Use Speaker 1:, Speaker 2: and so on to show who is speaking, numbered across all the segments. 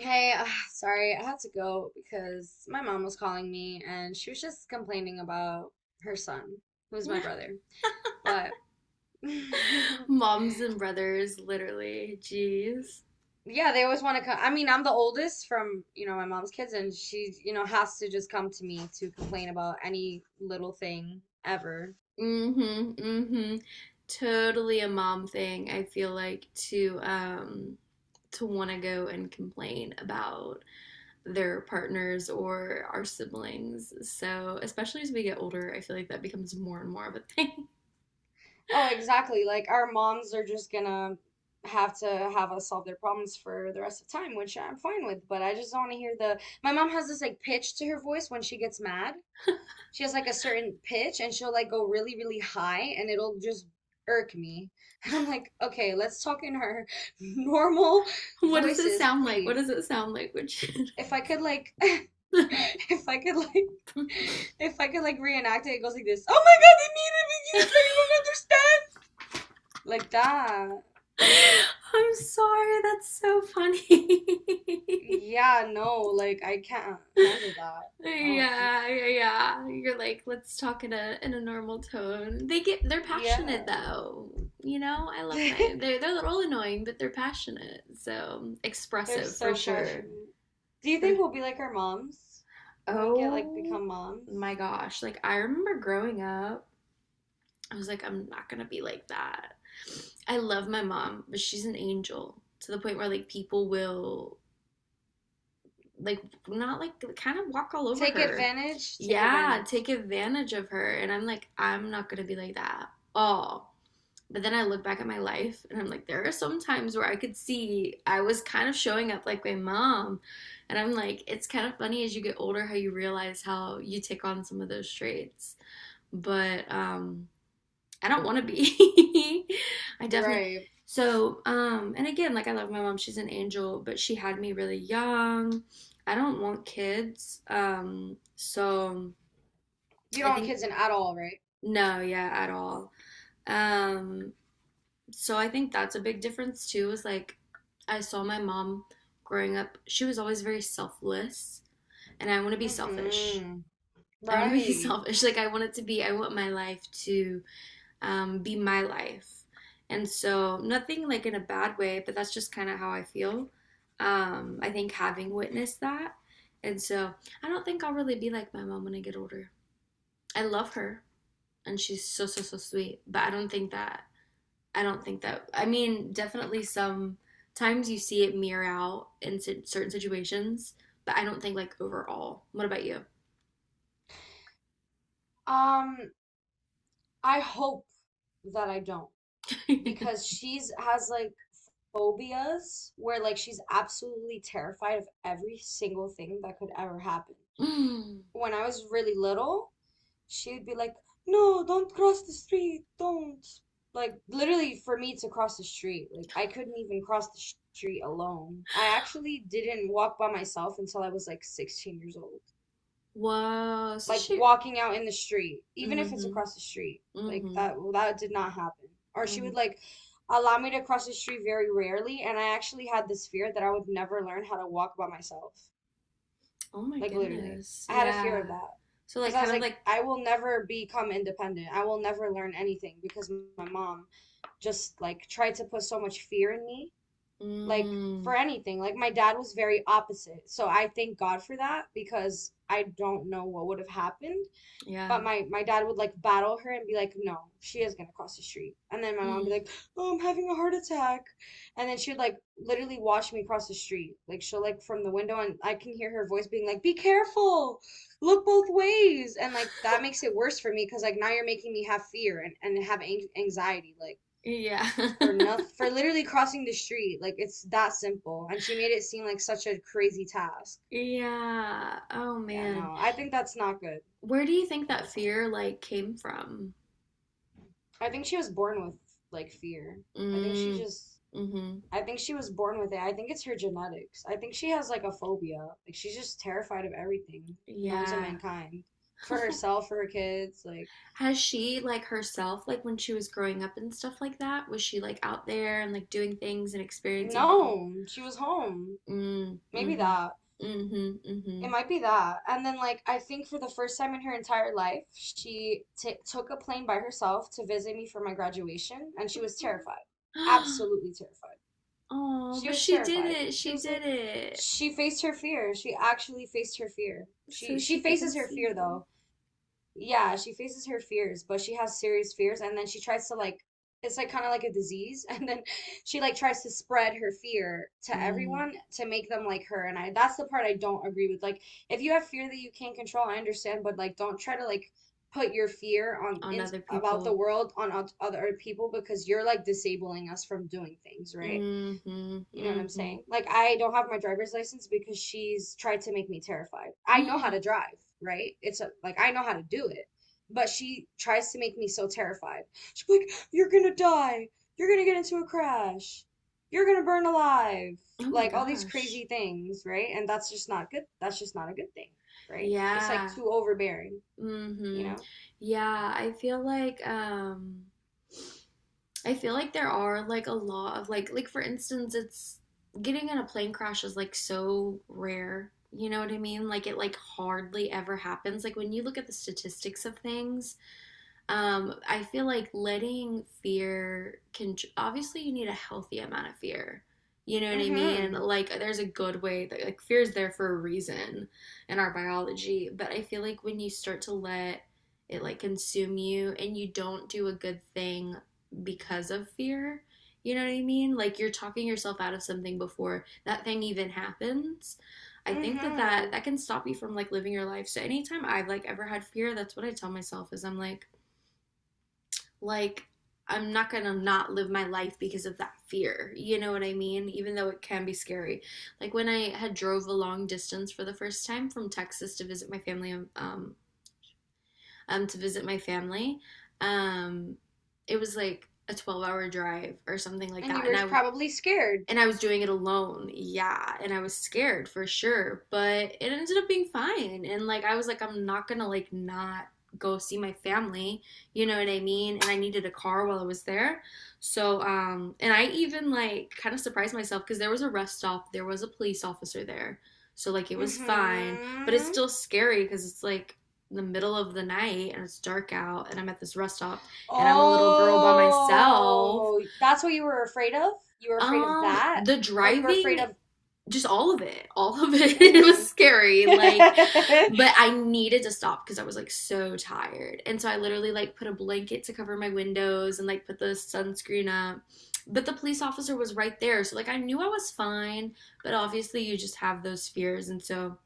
Speaker 1: Hey, sorry, I had to go because my mom was calling me and she was just complaining about her son, who's my brother. But yeah,
Speaker 2: Moms and brothers, literally. Jeez.
Speaker 1: they always want to come. I mean, I'm the oldest from, my mom's kids, and she, has to just come to me to complain about any little thing ever.
Speaker 2: Mm-hmm. Mm-hmm. Totally a mom thing, I feel like, to to want to go and complain about their partners or our siblings. So, especially as we get older, I feel like that becomes more and more of a thing.
Speaker 1: Oh, exactly. Like our moms are just gonna have to have us solve their problems for the rest of time, which I'm fine with, but I just don't want to hear the. My mom has this like pitch to her voice when she gets mad. She has like a certain pitch and she'll like go really, really high and it'll just irk me. And I'm like, okay, let's talk in her normal
Speaker 2: What does it
Speaker 1: voices,
Speaker 2: sound like? What does
Speaker 1: please.
Speaker 2: it sound like? Which
Speaker 1: If I could like
Speaker 2: I'm
Speaker 1: if I could like If I could like reenact it, it goes like this. Oh my God, they mean it because that you don't understand. Like that.
Speaker 2: sorry, that's so funny.
Speaker 1: Yeah, no, like I can't handle that. No.
Speaker 2: Yeah, yeah, yeah. You're like, let's talk in a normal tone. They're passionate
Speaker 1: Yeah.
Speaker 2: though. You know, I love my they're a little annoying, but they're passionate. So
Speaker 1: They're
Speaker 2: expressive for
Speaker 1: so
Speaker 2: sure.
Speaker 1: passionate. Do you
Speaker 2: For
Speaker 1: think we'll be like our moms when we get like
Speaker 2: oh
Speaker 1: become moms?
Speaker 2: my gosh. Like I remember growing up, I was like, I'm not gonna be like that. I love my mom, but she's an angel to the point where like people will like not like kind of walk all over
Speaker 1: Take
Speaker 2: her.
Speaker 1: advantage, take
Speaker 2: Yeah,
Speaker 1: advantage.
Speaker 2: take advantage of her. And I'm like, I'm not gonna be like that. Oh. But then I look back at my life and I'm like, there are some times where I could see I was kind of showing up like my mom. And I'm like, it's kind of funny as you get older how you realize how you take on some of those traits. But I don't want to be. I definitely.
Speaker 1: Right.
Speaker 2: So, and again, like I love my mom, she's an angel, but she had me really young. I don't want kids. So
Speaker 1: You
Speaker 2: I
Speaker 1: don't want
Speaker 2: think
Speaker 1: kids in at all, right?
Speaker 2: no, yeah, at all. Um, so I think that's a big difference too, is like I saw my mom growing up, she was always very selfless, and I want to be selfish.
Speaker 1: Mm-hmm.
Speaker 2: I want to be
Speaker 1: Right.
Speaker 2: selfish. I want my life to be my life. And so, nothing like in a bad way, but that's just kind of how I feel. I think having witnessed that. And so, I don't think I'll really be like my mom when I get older. I love her and she's so, so, so sweet, but I don't think that, I mean, definitely sometimes you see it mirror out in certain situations, but I don't think like overall. What about you?
Speaker 1: Um, I hope that I don't because she's has like phobias where like she's absolutely terrified of every single thing that could ever happen.
Speaker 2: mm,
Speaker 1: When I was really little, she'd be like, "No, don't cross the street, don't." Like literally for me to cross the street, like I couldn't even cross the street alone. I actually didn't walk by myself until I was like 16 years old.
Speaker 2: was
Speaker 1: Like
Speaker 2: shoot.
Speaker 1: walking out in the street, even if
Speaker 2: Mm
Speaker 1: it's
Speaker 2: hmm.
Speaker 1: across the street.
Speaker 2: Mm hmm.
Speaker 1: Like
Speaker 2: Mm
Speaker 1: that well, that did not happen. Or she
Speaker 2: hmm.
Speaker 1: would like allow me to cross the street very rarely, and I actually had this fear that I would never learn how to walk by myself.
Speaker 2: Oh my
Speaker 1: Like literally.
Speaker 2: goodness.
Speaker 1: I had a fear
Speaker 2: Yeah.
Speaker 1: of that.
Speaker 2: So
Speaker 1: Because
Speaker 2: like
Speaker 1: I
Speaker 2: kind
Speaker 1: was
Speaker 2: of
Speaker 1: like,
Speaker 2: like
Speaker 1: I will never become independent. I will never learn anything because my mom just like tried to put so much fear in me. Like for
Speaker 2: mm,
Speaker 1: anything. Like my dad was very opposite. So I thank God for that because I don't know what would have happened
Speaker 2: yeah.
Speaker 1: but my dad would like battle her and be like, "No, she is gonna cross the street." And then my mom would be
Speaker 2: Mm.
Speaker 1: like, "Oh, I'm having a heart attack." And then she would like literally watch me cross the street. Like she'll like from the window and I can hear her voice being like, "Be careful. Look both ways." And like that makes it worse for me because like now you're making me have fear and have anxiety like
Speaker 2: yeah.
Speaker 1: for nothing for literally crossing the street. Like it's that simple. And she made it seem like such a crazy task.
Speaker 2: yeah. Oh
Speaker 1: Yeah,
Speaker 2: man.
Speaker 1: no. I think that's not good.
Speaker 2: Where do you
Speaker 1: I
Speaker 2: think
Speaker 1: think
Speaker 2: that
Speaker 1: that's not good.
Speaker 2: fear like came from?
Speaker 1: I think she was born with like fear. I think she
Speaker 2: Mm.
Speaker 1: just
Speaker 2: Mhm.
Speaker 1: I think she was born with it. I think it's her genetics. I think she has like a phobia. Like she's just terrified of everything known to
Speaker 2: Yeah.
Speaker 1: mankind. For herself, for her kids, like
Speaker 2: Has she like herself like when she was growing up and stuff like that? Was she like out there and like doing things and experiencing things?
Speaker 1: no, she was home.
Speaker 2: Mm,
Speaker 1: Maybe
Speaker 2: mhm.
Speaker 1: that. It
Speaker 2: Mhm.
Speaker 1: might be that. And then like I think for the first time in her entire life, she t took a plane by herself to visit me for my graduation and she was
Speaker 2: Mhm.
Speaker 1: terrified. Absolutely terrified.
Speaker 2: Oh,
Speaker 1: She
Speaker 2: but
Speaker 1: was
Speaker 2: she did
Speaker 1: terrified.
Speaker 2: it.
Speaker 1: She
Speaker 2: She
Speaker 1: was
Speaker 2: did
Speaker 1: like,
Speaker 2: it
Speaker 1: she faced her fear. She actually faced her fear.
Speaker 2: so
Speaker 1: She
Speaker 2: she could come
Speaker 1: faces her
Speaker 2: see
Speaker 1: fear
Speaker 2: you.
Speaker 1: though. Yeah, she faces her fears, but she has serious fears, and then she tries to like, it's like kind of like a disease, and then she like tries to spread her fear to
Speaker 2: Mm,
Speaker 1: everyone to make them like her. And I that's the part I don't agree with. Like, if you have fear that you can't control, I understand, but like, don't try to like put your fear on
Speaker 2: on
Speaker 1: in
Speaker 2: other
Speaker 1: about the
Speaker 2: people.
Speaker 1: world on other people because you're like disabling us from doing things, right?
Speaker 2: Mm-hmm.
Speaker 1: You know what I'm
Speaker 2: Mm-hmm.
Speaker 1: saying? Like, I don't have my driver's license because she's tried to make me terrified. I know how to
Speaker 2: Mm.
Speaker 1: drive, right? It's a, like, I know how to do it, but she tries to make me so terrified. She's like, you're gonna die. You're gonna get into a crash. You're gonna burn alive.
Speaker 2: Oh my
Speaker 1: Like, all these
Speaker 2: gosh.
Speaker 1: crazy things, right? And that's just not good. That's just not a good thing, right? It's like
Speaker 2: Yeah.
Speaker 1: too overbearing, you
Speaker 2: Mm-hmm.
Speaker 1: know?
Speaker 2: Yeah, I feel like there are like a lot of like for instance it's getting in a plane crash is like so rare. You know what I mean? Like it like hardly ever happens. Like when you look at the statistics of things, um, I feel like letting fear can obviously you need a healthy amount of fear. You know what I mean?
Speaker 1: Mm-hmm.
Speaker 2: Like there's a good way that like fear is there for a reason in our biology, but I feel like when you start to let it like consume you and you don't do a good thing because of fear, you know what I mean? Like you're talking yourself out of something before that thing even happens. I think
Speaker 1: Mm-hmm.
Speaker 2: that can stop you from like living your life. So anytime I've like ever had fear, that's what I tell myself is I'm like I'm not gonna not live my life because of that fear. You know what I mean? Even though it can be scary. Like when I had drove a long distance for the first time from Texas to visit my family, to visit my family, um, it was like a 12-hour drive or something like
Speaker 1: And you
Speaker 2: that,
Speaker 1: were probably scared.
Speaker 2: and I was doing it alone. Yeah, and I was scared for sure, but it ended up being fine. And like I was like I'm not going to like not go see my family, you know what I mean? And I needed a car while I was there. So and I even like kind of surprised myself cuz there was a rest stop, there was a police officer there. So like it was fine, but it's
Speaker 1: Mm-hmm.
Speaker 2: still scary cuz it's like the middle of the night and it's dark out and I'm at this rest stop and I'm a little girl by myself.
Speaker 1: Oh, that's what you were afraid of? You were afraid of that?
Speaker 2: The
Speaker 1: Or you were afraid
Speaker 2: driving
Speaker 1: of
Speaker 2: just all of it, all of it. It
Speaker 1: mm-hmm.
Speaker 2: was scary, like, but I needed to stop because I was like so tired. And so I literally like put a blanket to cover my windows and like put the sunscreen up. But the police officer was right there. So like I knew I was fine, but obviously you just have those fears. And so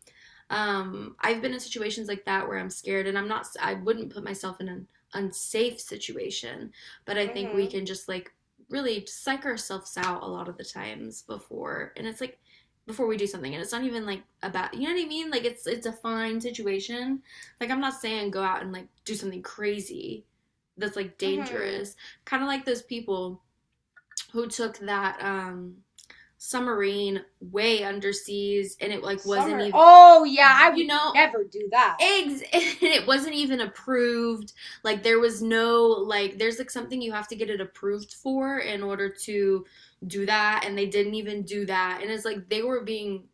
Speaker 2: I've been in situations like that where I'm scared, and I'm not. I wouldn't put myself in an unsafe situation, but I think we
Speaker 1: Mm-hmm.
Speaker 2: can just like really psych ourselves out a lot of the times before, and it's like before we do something, and it's not even like about you know what I mean. Like it's a fine situation. Like I'm not saying go out and like do something crazy that's like
Speaker 1: Mm-hmm.
Speaker 2: dangerous. Kind of like those people who took that submarine way underseas and it like wasn't
Speaker 1: Summer.
Speaker 2: even
Speaker 1: Oh yeah, I
Speaker 2: you
Speaker 1: would
Speaker 2: know
Speaker 1: never do that.
Speaker 2: eggs and it wasn't even approved like there was no like there's like something you have to get it approved for in order to do that and they didn't even do that and it's like they were being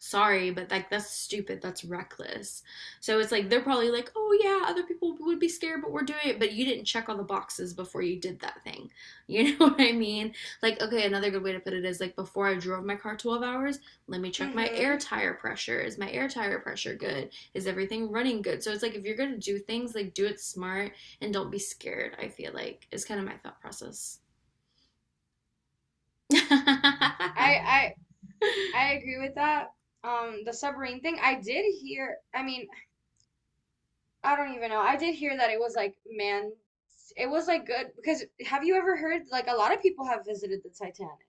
Speaker 2: sorry, but like that's stupid. That's reckless. So it's like they're probably like, oh yeah, other people would be scared, but we're doing it. But you didn't check all the boxes before you did that thing. You know what I mean? Like, okay, another good way to put it is like before I drove my car 12 hours, let me check my air
Speaker 1: Mm-hmm.
Speaker 2: tire pressure. Is my air tire pressure good? Is everything running good? So it's like if you're gonna do things, like do it smart and don't be scared. I feel like is kind of my thought process.
Speaker 1: I I I agree with that. The submarine thing, I did hear, I mean, I don't even know. I did hear that it was like man it was like good because have you ever heard like a lot of people have visited the Titanic?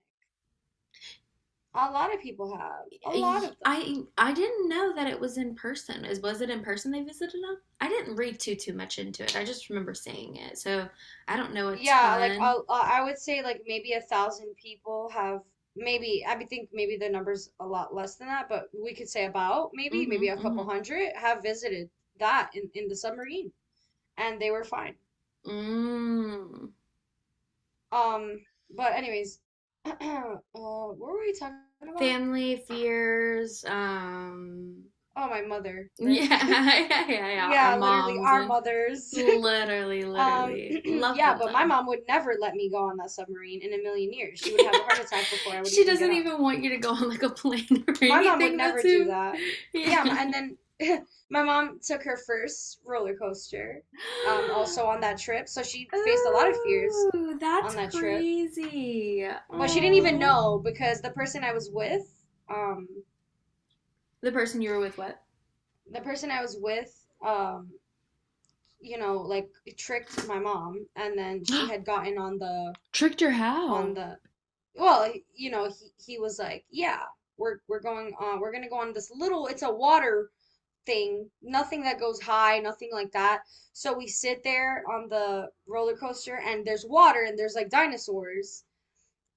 Speaker 1: A lot of people have. A lot of them.
Speaker 2: I didn't know that it was in person. Is was it in person they visited them? I didn't read too much into it. I just remember seeing it. So I don't know a
Speaker 1: Yeah, like
Speaker 2: ton.
Speaker 1: I would say like maybe 1,000 people have maybe I would think maybe the number's a lot less than that, but we could say about maybe
Speaker 2: Mhm.
Speaker 1: a couple
Speaker 2: Mhm.
Speaker 1: hundred have visited that in the submarine and they were fine.
Speaker 2: Mm.
Speaker 1: Um, but anyways, what were we talking about?
Speaker 2: Family fears.
Speaker 1: Oh, my mother,
Speaker 2: Yeah.
Speaker 1: right?
Speaker 2: Yeah. Yeah. yeah. Our
Speaker 1: Yeah, literally
Speaker 2: moms
Speaker 1: our
Speaker 2: and
Speaker 1: mothers.
Speaker 2: literally, literally love
Speaker 1: Yeah,
Speaker 2: them
Speaker 1: but my
Speaker 2: though.
Speaker 1: mom would never let me go on that submarine in a million years. She would have a heart attack before I would
Speaker 2: she
Speaker 1: even get
Speaker 2: doesn't
Speaker 1: on
Speaker 2: even
Speaker 1: it.
Speaker 2: want you to go on like a plane or
Speaker 1: My mom
Speaker 2: anything.
Speaker 1: would
Speaker 2: That's
Speaker 1: never do
Speaker 2: who.
Speaker 1: that.
Speaker 2: Yeah.
Speaker 1: Yeah, and then my mom took her first roller coaster, also on that trip. So she faced a lot of fears
Speaker 2: Ooh, that's
Speaker 1: on that trip.
Speaker 2: crazy.
Speaker 1: But she didn't even
Speaker 2: Aww,
Speaker 1: know because um,
Speaker 2: the person you were with, what?
Speaker 1: the person I was with, um, like tricked my mom, and then she had gotten on the
Speaker 2: Tricked her
Speaker 1: on
Speaker 2: how?
Speaker 1: the well, he was like, yeah, we're going on, we're gonna go on this little, it's a water thing, nothing that goes high, nothing like that. So we sit there on the roller coaster and there's water and there's like dinosaurs.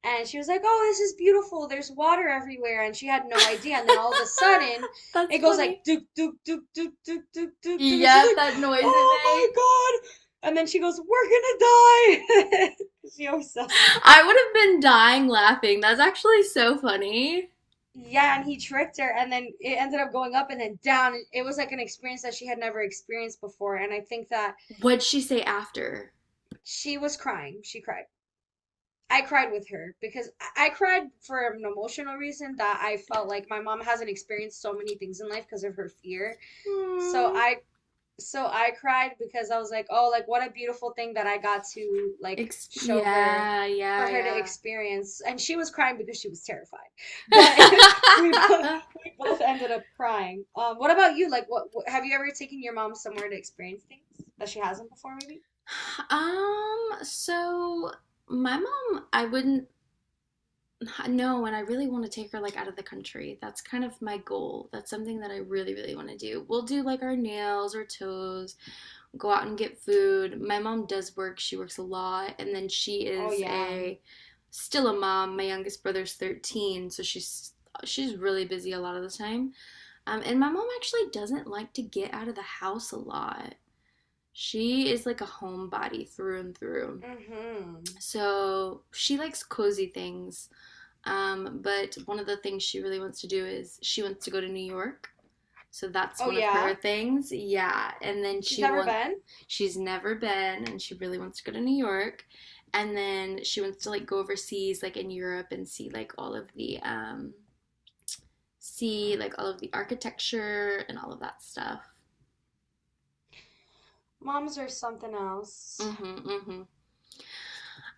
Speaker 1: And she was like, "Oh, this is beautiful. There's water everywhere." And she had no idea. And then all of a sudden,
Speaker 2: that's
Speaker 1: it goes like
Speaker 2: funny.
Speaker 1: doop doop doop doop doop doop doop doop. And she's
Speaker 2: Yep, that
Speaker 1: like,
Speaker 2: noise it
Speaker 1: "Oh
Speaker 2: makes.
Speaker 1: my God." And then she goes, "We're gonna die." She always says,
Speaker 2: I would have been dying laughing. That's actually so funny.
Speaker 1: yeah, and he tricked her, and then it ended up going up and then down. It was like an experience that she had never experienced before, and I think that
Speaker 2: What'd she say after?
Speaker 1: She was crying. She cried. I cried with her because I cried for an emotional reason that I felt like my mom hasn't experienced so many things in life because of her fear. So
Speaker 2: Hmm.
Speaker 1: I so I cried because I was like, "Oh, like what a beautiful thing that I got to like show her
Speaker 2: Yeah,
Speaker 1: for
Speaker 2: yeah,
Speaker 1: her to
Speaker 2: yeah.
Speaker 1: experience." And she was crying because she was terrified. But we both we both ended up crying. What about you? Like what have you ever taken your mom somewhere to experience things that she hasn't before maybe?
Speaker 2: um, so my mom, I wouldn't. No, and I really want to take her like out of the country. That's kind of my goal. That's something that I really, really want to do. We'll do like our nails or toes, go out and get food. My mom does work, she works a lot, and then she
Speaker 1: Oh
Speaker 2: is
Speaker 1: yeah.
Speaker 2: a still a mom. My youngest brother's 13, so she's really busy a lot of the time. And my mom actually doesn't like to get out of the house a lot. She is like a homebody through and through.
Speaker 1: Mm-hmm.
Speaker 2: So she likes cozy things but one of the things she really wants to do is she wants to go to New York. So that's
Speaker 1: Oh
Speaker 2: one of
Speaker 1: yeah?
Speaker 2: her things. Yeah. And then
Speaker 1: She's
Speaker 2: she
Speaker 1: never
Speaker 2: wants
Speaker 1: been?
Speaker 2: she's never been and she really wants to go to New York. And then she wants to like go overseas like in Europe and see like all of the see like all of the architecture and all of that stuff.
Speaker 1: Moms are something else.
Speaker 2: Mhm. Mhm.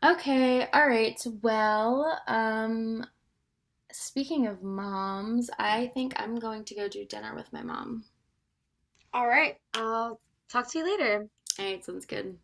Speaker 2: Okay. All right. Well, speaking of moms, I think I'm going to go do dinner with my mom.
Speaker 1: All right, I'll talk to you later.
Speaker 2: All right, sounds good.